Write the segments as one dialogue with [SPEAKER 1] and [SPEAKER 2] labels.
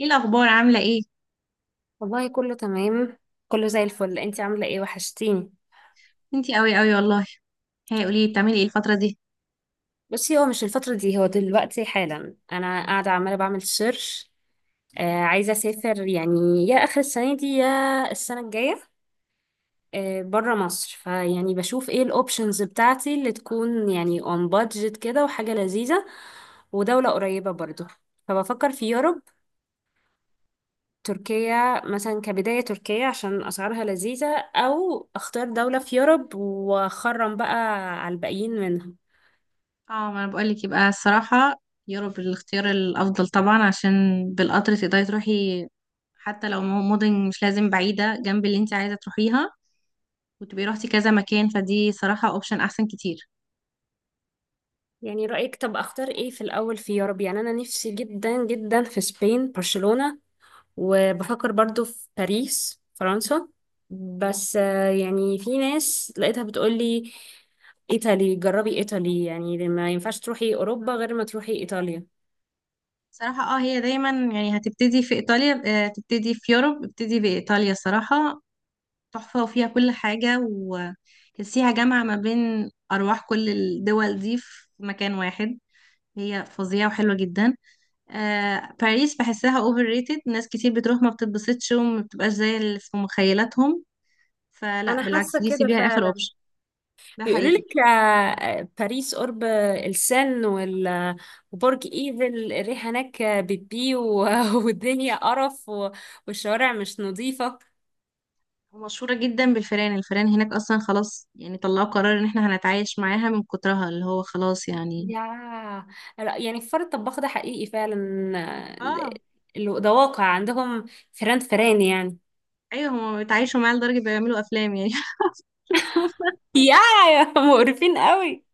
[SPEAKER 1] ايه الاخبار؟ عامله ايه؟
[SPEAKER 2] والله كله تمام، كله زي الفل. انتي عاملة ايه؟ وحشتيني.
[SPEAKER 1] انتي قوي والله. هي قولي لي بتعملي ايه الفتره دي؟
[SPEAKER 2] بصي، هو مش الفترة دي، هو دلوقتي حالا انا قاعدة عمالة بعمل سيرش. عايزة اسافر يعني يا اخر السنة دي يا السنة الجاية، برا مصر، فيعني بشوف ايه الاوبشنز بتاعتي اللي تكون يعني اون بادجت كده وحاجة لذيذة ودولة قريبة برضو. فبفكر في يوروب، تركيا مثلا كبداية، تركيا عشان أسعارها لذيذة، أو أختار دولة في يوروب وأخرم بقى على الباقيين منها.
[SPEAKER 1] اه ما انا بقول لك، يبقى الصراحه يوروب الاختيار الافضل طبعا، عشان بالقطر تقدري تروحي حتى لو مدن مش لازم بعيده جنب اللي انتي عايزه تروحيها، وتبقي روحتي كذا مكان، فدي صراحه اوبشن احسن كتير.
[SPEAKER 2] يعني رأيك؟ طب اختار ايه في الاول في يوروب؟ يعني انا نفسي جدا جدا في سبين، برشلونة. وبفكر برضو في باريس، فرنسا. بس يعني في ناس لقيتها بتقولي ايطالي، جربي ايطالي، يعني ما ينفعش تروحي اوروبا غير ما تروحي ايطاليا.
[SPEAKER 1] صراحه اه، هي دايما يعني هتبتدي في ايطاليا. تبتدي في يوروب، ابتدي بايطاليا صراحه. تحفه وفيها كل حاجه، وتحسيها جامعه ما بين ارواح كل الدول دي في مكان واحد. هي فظيعة وحلوة جدا. باريس بحسها اوفر ريتد، ناس كتير بتروح ما بتتبسطش وما بتبقاش زي اللي في مخيلاتهم، فلا
[SPEAKER 2] انا حاسه
[SPEAKER 1] بالعكس دي
[SPEAKER 2] كده
[SPEAKER 1] سيبيها اخر
[SPEAKER 2] فعلا.
[SPEAKER 1] اوبشن. ده
[SPEAKER 2] بيقولوا
[SPEAKER 1] حقيقي.
[SPEAKER 2] لك باريس قرب السن وبرج ايفل الريحه هناك بتبي والدنيا قرف والشوارع مش نظيفه.
[SPEAKER 1] ومشهورة جدا بالفيران، الفيران هناك اصلا خلاص يعني طلعوا قرار ان احنا هنتعايش معاها من كترها، اللي هو خلاص يعني.
[SPEAKER 2] يا لا، يعني فار الطباخ ده حقيقي فعلا.
[SPEAKER 1] اه.
[SPEAKER 2] آه، ده واقع عندهم. فران فران يعني.
[SPEAKER 1] ايوه هما بيتعايشوا معاها لدرجة بيعملوا افلام يعني.
[SPEAKER 2] يا، يا مقرفين قوي.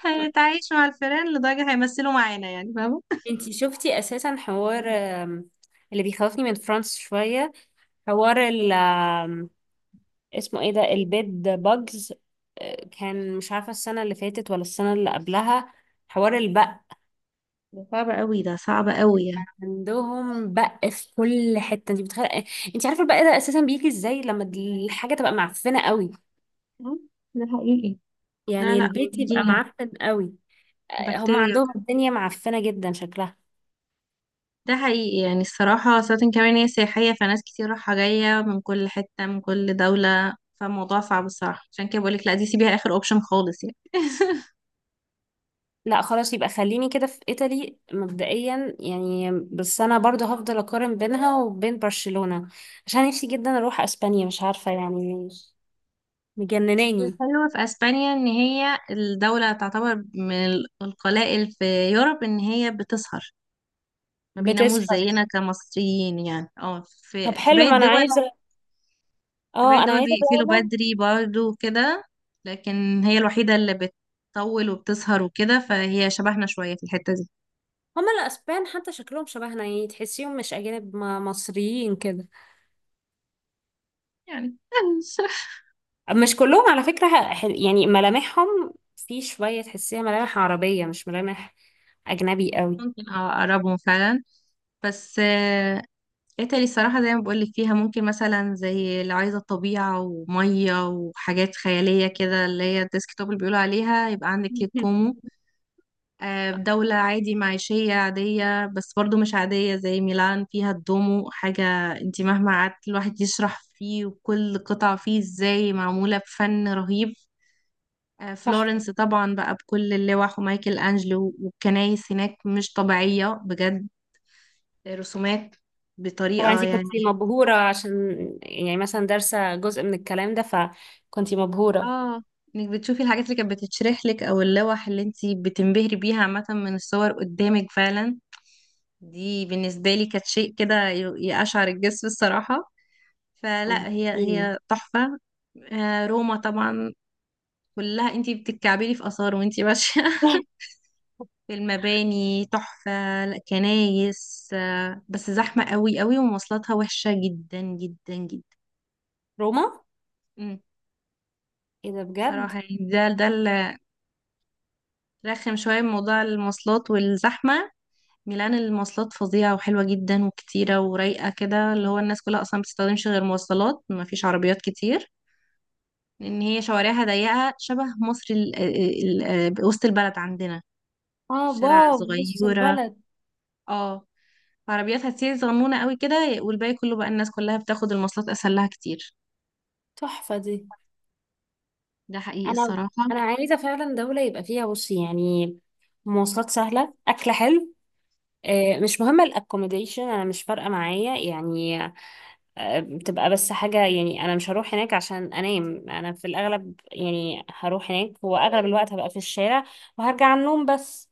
[SPEAKER 1] هنتعايش مع الفيران لدرجة هيمثلوا معانا، يعني فاهمة.
[SPEAKER 2] انتي شفتي اساسا حوار اللي بيخوفني من فرانس شوية، حوار ال آم، اسمه ايه ده؟ البيد باجز. كان مش عارفة السنة اللي فاتت ولا السنة اللي قبلها، حوار البق.
[SPEAKER 1] ده صعب قوي يعني.
[SPEAKER 2] عندهم بق في كل حتة، انت بتخيل؟ انت عارفة البق ده اساسا بيجي ازاي؟ لما الحاجة تبقى معفنة قوي،
[SPEAKER 1] مم. ده حقيقي. لا
[SPEAKER 2] يعني
[SPEAKER 1] لا
[SPEAKER 2] البيت يبقى
[SPEAKER 1] بيجي
[SPEAKER 2] معفن قوي. هم
[SPEAKER 1] بكتيريا.
[SPEAKER 2] عندهم الدنيا معفنة جدا شكلها.
[SPEAKER 1] ده حقيقي، يعني الصراحة سواء كمان هي سياحية، فناس كتير رايحة جاية من كل حتة من كل دولة، فالموضوع صعب الصراحة. عشان كده بقولك لا، دي سيبيها آخر أوبشن خالص يعني.
[SPEAKER 2] لا خلاص، يبقى خليني كده في إيطالي مبدئيا يعني، بس أنا برضه هفضل أقارن بينها وبين برشلونة، عشان نفسي جدا أروح أسبانيا، مش عارفة يعني. مجنناني.
[SPEAKER 1] الحلوة في أسبانيا إن هي الدولة تعتبر من القلائل في يوروب إن هي بتسهر، ما بيناموش
[SPEAKER 2] بتسحر.
[SPEAKER 1] زينا كمصريين يعني. اه،
[SPEAKER 2] طب
[SPEAKER 1] في
[SPEAKER 2] حلو،
[SPEAKER 1] باقي
[SPEAKER 2] ما أنا
[SPEAKER 1] الدول،
[SPEAKER 2] عايزة،
[SPEAKER 1] في باقي
[SPEAKER 2] اه أنا
[SPEAKER 1] الدول
[SPEAKER 2] عايزة
[SPEAKER 1] بيقفلوا
[SPEAKER 2] دولة.
[SPEAKER 1] بدري برضه كده، لكن هي الوحيدة اللي بتطول وبتسهر وكده، فهي شبهنا شوية في الحتة دي
[SPEAKER 2] هما الأسبان حتى شكلهم شبهنا، يعني تحسيهم مش أجانب، مصريين كده.
[SPEAKER 1] يعني.
[SPEAKER 2] مش كلهم على فكرة، يعني ملامحهم في شوية تحسيها ملامح عربية، مش ملامح أجنبي قوي.
[SPEAKER 1] ممكن اه، اقربهم فعلا. بس ايطالي الصراحة زي ما بقولك فيها ممكن مثلا زي اللي عايزة طبيعة ومية وحاجات خيالية كده، اللي هي الديسكتوب اللي بيقولوا عليها، يبقى عندك ليك
[SPEAKER 2] مهم.
[SPEAKER 1] كومو. دولة عادي معيشية عادية، بس برضو مش عادية زي ميلان فيها الدومو حاجة. انتي مهما قعدت الواحد يشرح فيه، وكل قطعة فيه ازاي معمولة بفن رهيب.
[SPEAKER 2] تحفة.
[SPEAKER 1] فلورنس طبعا بقى بكل اللوح ومايكل أنجلو، والكنايس هناك مش طبيعية بجد. رسومات
[SPEAKER 2] طبعا
[SPEAKER 1] بطريقة
[SPEAKER 2] انتي كنت
[SPEAKER 1] يعني
[SPEAKER 2] مبهورة عشان يعني مثلا دارسة جزء من الكلام ده، فكنتي مبهورة
[SPEAKER 1] اه، انك بتشوفي الحاجات اللي كانت بتتشرح لك، او اللوح اللي انتي بتنبهري بيها عامة من الصور قدامك فعلا. دي بالنسبة لي كانت شيء كده يقشعر الجسم الصراحة. فلا هي
[SPEAKER 2] يعني.
[SPEAKER 1] هي تحفة. روما طبعا كلها انتي بتتكعبلي في آثار وانتي ماشية. في المباني تحفة. لا، كنايس. بس زحمة قوي ومواصلاتها وحشة جدا.
[SPEAKER 2] روما.
[SPEAKER 1] مم.
[SPEAKER 2] ايه ده بجد؟
[SPEAKER 1] صراحة يعني ده رخم شوية موضوع المواصلات والزحمة. ميلان المواصلات فظيعة وحلوة جدا وكتيرة ورايقة كده، اللي هو الناس كلها أصلا بتستخدمش غير مواصلات، مفيش عربيات كتير، لأن هي شوارعها ضيقة شبه مصر ال وسط البلد عندنا.
[SPEAKER 2] اه
[SPEAKER 1] شارع
[SPEAKER 2] واو، بص
[SPEAKER 1] صغيرة،
[SPEAKER 2] البلد.
[SPEAKER 1] اه، عربياتها كتير صغنونة قوي كده، والباقي كله بقى الناس كلها بتاخد المواصلات أسهل لها كتير.
[SPEAKER 2] تحفة دي.
[SPEAKER 1] ده حقيقي
[SPEAKER 2] انا
[SPEAKER 1] الصراحة.
[SPEAKER 2] انا عايزة فعلا دولة يبقى فيها، بصي يعني، مواصلات سهلة، اكل حلو. مش مهم الاكوموديشن، انا مش فارقة معايا يعني. بتبقى بس حاجة يعني، أنا مش هروح هناك عشان أنام، أنا في الأغلب يعني هروح هناك وأغلب الوقت هبقى في الشارع وهرجع على النوم بس.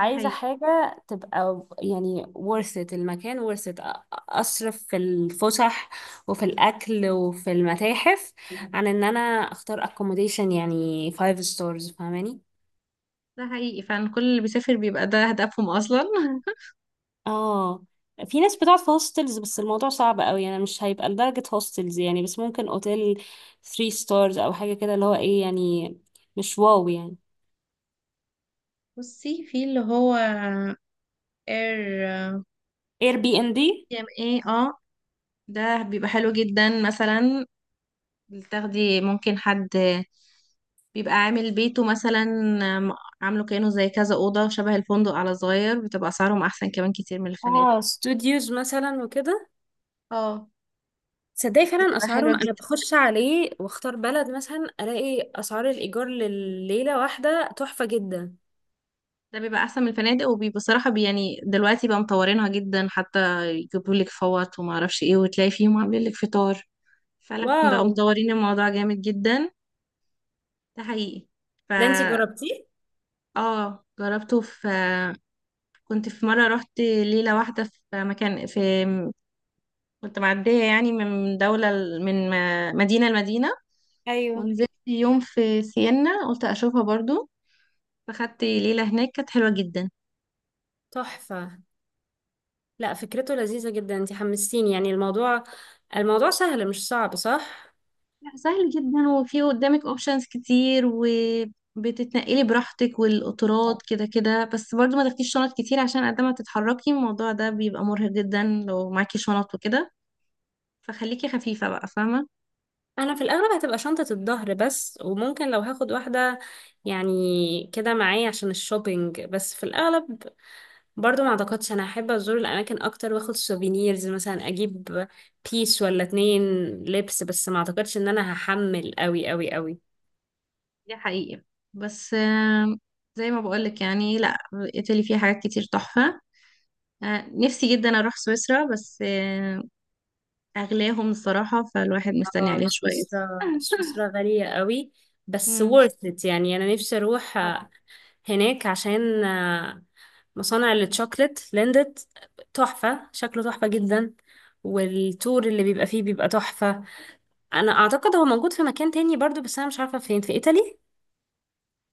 [SPEAKER 1] ده حقيقي.
[SPEAKER 2] حاجة تبقى يعني worth it، المكان worth it. أصرف في الفسح وفي الأكل وفي المتاحف، عن إن أنا أختار accommodation يعني five stars، فاهماني؟
[SPEAKER 1] ده حقيقي فعلا، كل اللي بيسافر بيبقى ده هدفهم أصلا.
[SPEAKER 2] اه، في ناس بتقعد في هوستلز، بس الموضوع صعب قوي يعني، مش هيبقى لدرجة هوستلز يعني، بس ممكن اوتيل 3 ستارز او حاجة كده اللي هو ايه يعني، مش واو يعني.
[SPEAKER 1] بصي في اللي هو اير.
[SPEAKER 2] اير بي ان دي،
[SPEAKER 1] ام ايه، اه، ده بيبقى حلو جدا مثلا، بتاخدي ممكن حد بيبقى عامل بيته مثلا، آم، عامله كأنه زي كذا أوضة شبه الفندق على صغير، بتبقى أسعارهم أحسن كمان كتير من الفنادق.
[SPEAKER 2] اه ستوديوز مثلا وكده.
[SPEAKER 1] اه،
[SPEAKER 2] تصدقي فعلا
[SPEAKER 1] بتبقى حلوة
[SPEAKER 2] اسعارهم! انا
[SPEAKER 1] جدا.
[SPEAKER 2] بخش عليه واختار بلد مثلا، الاقي اسعار الايجار لليلة واحدة تحفة جدا.
[SPEAKER 1] ده بيبقى أحسن من الفنادق، وبصراحة بي يعني دلوقتي بقى مطورينها جدا، حتى يجيبوا لك فوط وما أعرفش إيه، وتلاقي فيهم عاملين لك فطار. فعلا بقوا
[SPEAKER 2] واو.
[SPEAKER 1] مطورين الموضوع جامد جدا. ده حقيقي. فا
[SPEAKER 2] ده انتي جربتيه؟
[SPEAKER 1] اه، جربته في، كنت في مرة رحت ليلة واحدة في مكان في، كنت معدية يعني من دولة ل- من م- مدينة لمدينة،
[SPEAKER 2] ايوه،
[SPEAKER 1] ونزلت يوم في سينا قلت أشوفها برضو، فخدت ليلة هناك كانت حلوة جدا.
[SPEAKER 2] تحفة. لا فكرته لذيذة جدا، انتي حمستيني يعني. الموضوع سهل مش صعب، صح؟
[SPEAKER 1] لا سهل جدا، وفي قدامك اوبشنز كتير، وبتتنقلي براحتك والقطارات كده، بس برضو ما تاخديش شنط كتير، عشان قد ما تتحركي الموضوع ده بيبقى مرهق جدا لو معاكي شنط وكده، فخليكي خفيفة بقى، فاهمة.
[SPEAKER 2] انا في الاغلب هتبقى شنطة الظهر بس، وممكن لو هاخد واحدة يعني كده معايا عشان الشوبينج، بس في الاغلب برضو ما اعتقدش. انا احب ازور الاماكن اكتر، واخد سوفينيرز مثلا، اجيب بيس ولا اتنين لبس، بس ما اعتقدش ان انا هحمل قوي قوي قوي.
[SPEAKER 1] دي حقيقة. بس زي ما بقولك يعني لا، ايطالي فيها حاجات كتير تحفة. نفسي جدا اروح سويسرا، بس اغلاهم الصراحة، فالواحد مستني
[SPEAKER 2] اه
[SPEAKER 1] عليها شوية.
[SPEAKER 2] سويسرا، سويسرا غالية قوي. بس
[SPEAKER 1] مم،
[SPEAKER 2] worth it يعني، انا نفسي اروح
[SPEAKER 1] طبعا.
[SPEAKER 2] هناك عشان مصانع الشوكلت ليندت. تحفة، شكله تحفة جدا، والتور اللي بيبقى فيه بيبقى تحفة. انا اعتقد هو موجود في مكان تاني برضو، بس انا مش عارفة فين، في ايطالي.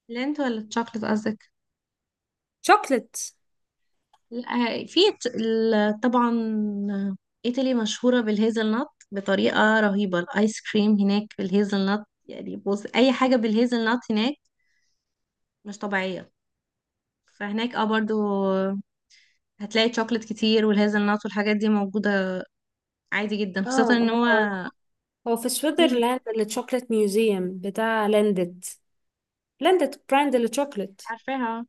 [SPEAKER 1] لينت ولا الشوكلت قصدك؟
[SPEAKER 2] شوكلت.
[SPEAKER 1] لا، في طبعا ايطالي مشهورة بالهيزل نut بطريقة رهيبة، الايس كريم هناك بالهيزل نut يعني، بص اي حاجة بالهيزل نut هناك مش طبيعية. فهناك اه برضو هتلاقي شوكلت كتير والهيزل نت والحاجات دي موجودة عادي جدا، خاصة ان
[SPEAKER 2] اه
[SPEAKER 1] هو
[SPEAKER 2] هو هو في
[SPEAKER 1] مفيش.
[SPEAKER 2] سويسرلاند الشوكلت ميوزيوم بتاع ليندت. ليندت براند الشوكلت.
[SPEAKER 1] عارفاها.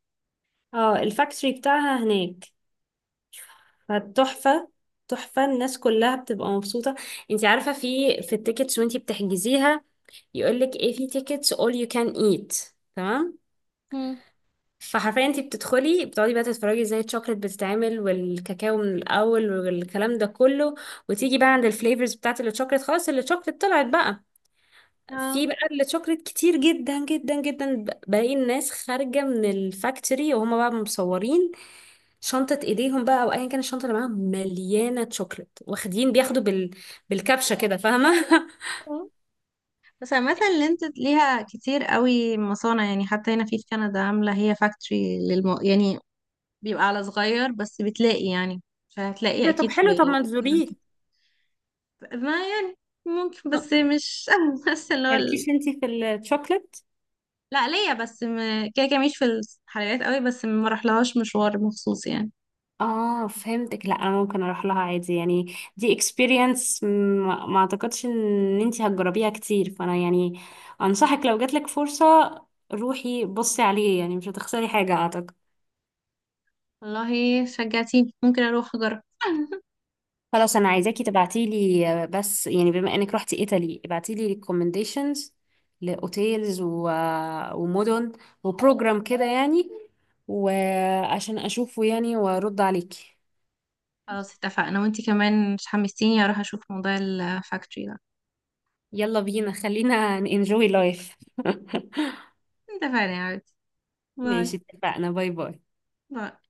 [SPEAKER 2] اه الفاكتوري بتاعها هناك، فتحفة. تحفة، الناس كلها بتبقى مبسوطة. انت عارفة في التيكتس وانت بتحجزيها يقولك ايه؟ في تيكتس all you can eat. تمام،
[SPEAKER 1] مم.
[SPEAKER 2] فحرفيا انت بتدخلي، بتقعدي بقى تتفرجي ازاي الشوكليت بتتعمل والكاكاو من الاول والكلام ده كله، وتيجي بقى عند الفليفرز بتاعت الشوكليت، خلاص الشوكليت طلعت بقى.
[SPEAKER 1] اه.
[SPEAKER 2] في بقى الشوكليت كتير جدا جدا جدا، باقي الناس خارجة من الفاكتوري وهما بقى مصورين شنطة ايديهم بقى او ايا كان الشنطة اللي معاهم مليانة شوكليت، واخدين، بياخدوا بالكبشة كده، فاهمة؟
[SPEAKER 1] اه. بس مثلا اللي انت ليها كتير قوي مصانع يعني، حتى هنا في في كندا عاملة هي فاكتوري للم... يعني بيبقى على صغير بس بتلاقي يعني،
[SPEAKER 2] إيه
[SPEAKER 1] فهتلاقي
[SPEAKER 2] ده؟
[SPEAKER 1] اكيد
[SPEAKER 2] طب
[SPEAKER 1] في.
[SPEAKER 2] حلو، طب ما
[SPEAKER 1] إذا انت-
[SPEAKER 2] تزوريه.
[SPEAKER 1] ما يعني ممكن بس مش بس اللي هو.
[SPEAKER 2] مالكيش انتي في الشوكليت؟
[SPEAKER 1] لا ليا بس م... كده كده مش في الحلقات قوي، بس ما رحلهاش مشوار مخصوص يعني.
[SPEAKER 2] اه فهمتك. لا انا ممكن اروح لها عادي يعني، دي اكسبيرينس ما اعتقدش ان انتي هتجربيها كتير، فانا يعني انصحك، لو جاتلك فرصة روحي بصي عليه يعني، مش هتخسري حاجة اعتقد.
[SPEAKER 1] والله شجعتيني، ممكن اروح اجرب.
[SPEAKER 2] خلاص انا عايزاكي تبعتيلي، بس يعني بما انك رحتي ايطالي، ابعتيلي ريكومنديشنز لاوتيلز و... آه، ومدن وبروجرام كده يعني، وعشان اشوفه يعني وارد عليكي.
[SPEAKER 1] خلاص اتفقنا، وانتي كمان مش حمستيني اروح اشوف موضوع الفاكتوري ده.
[SPEAKER 2] يلا بينا، خلينا انجوي لايف.
[SPEAKER 1] اتفقنا يا عادي.
[SPEAKER 2] ماشي
[SPEAKER 1] باي
[SPEAKER 2] اتفقنا، باي باي.
[SPEAKER 1] باي.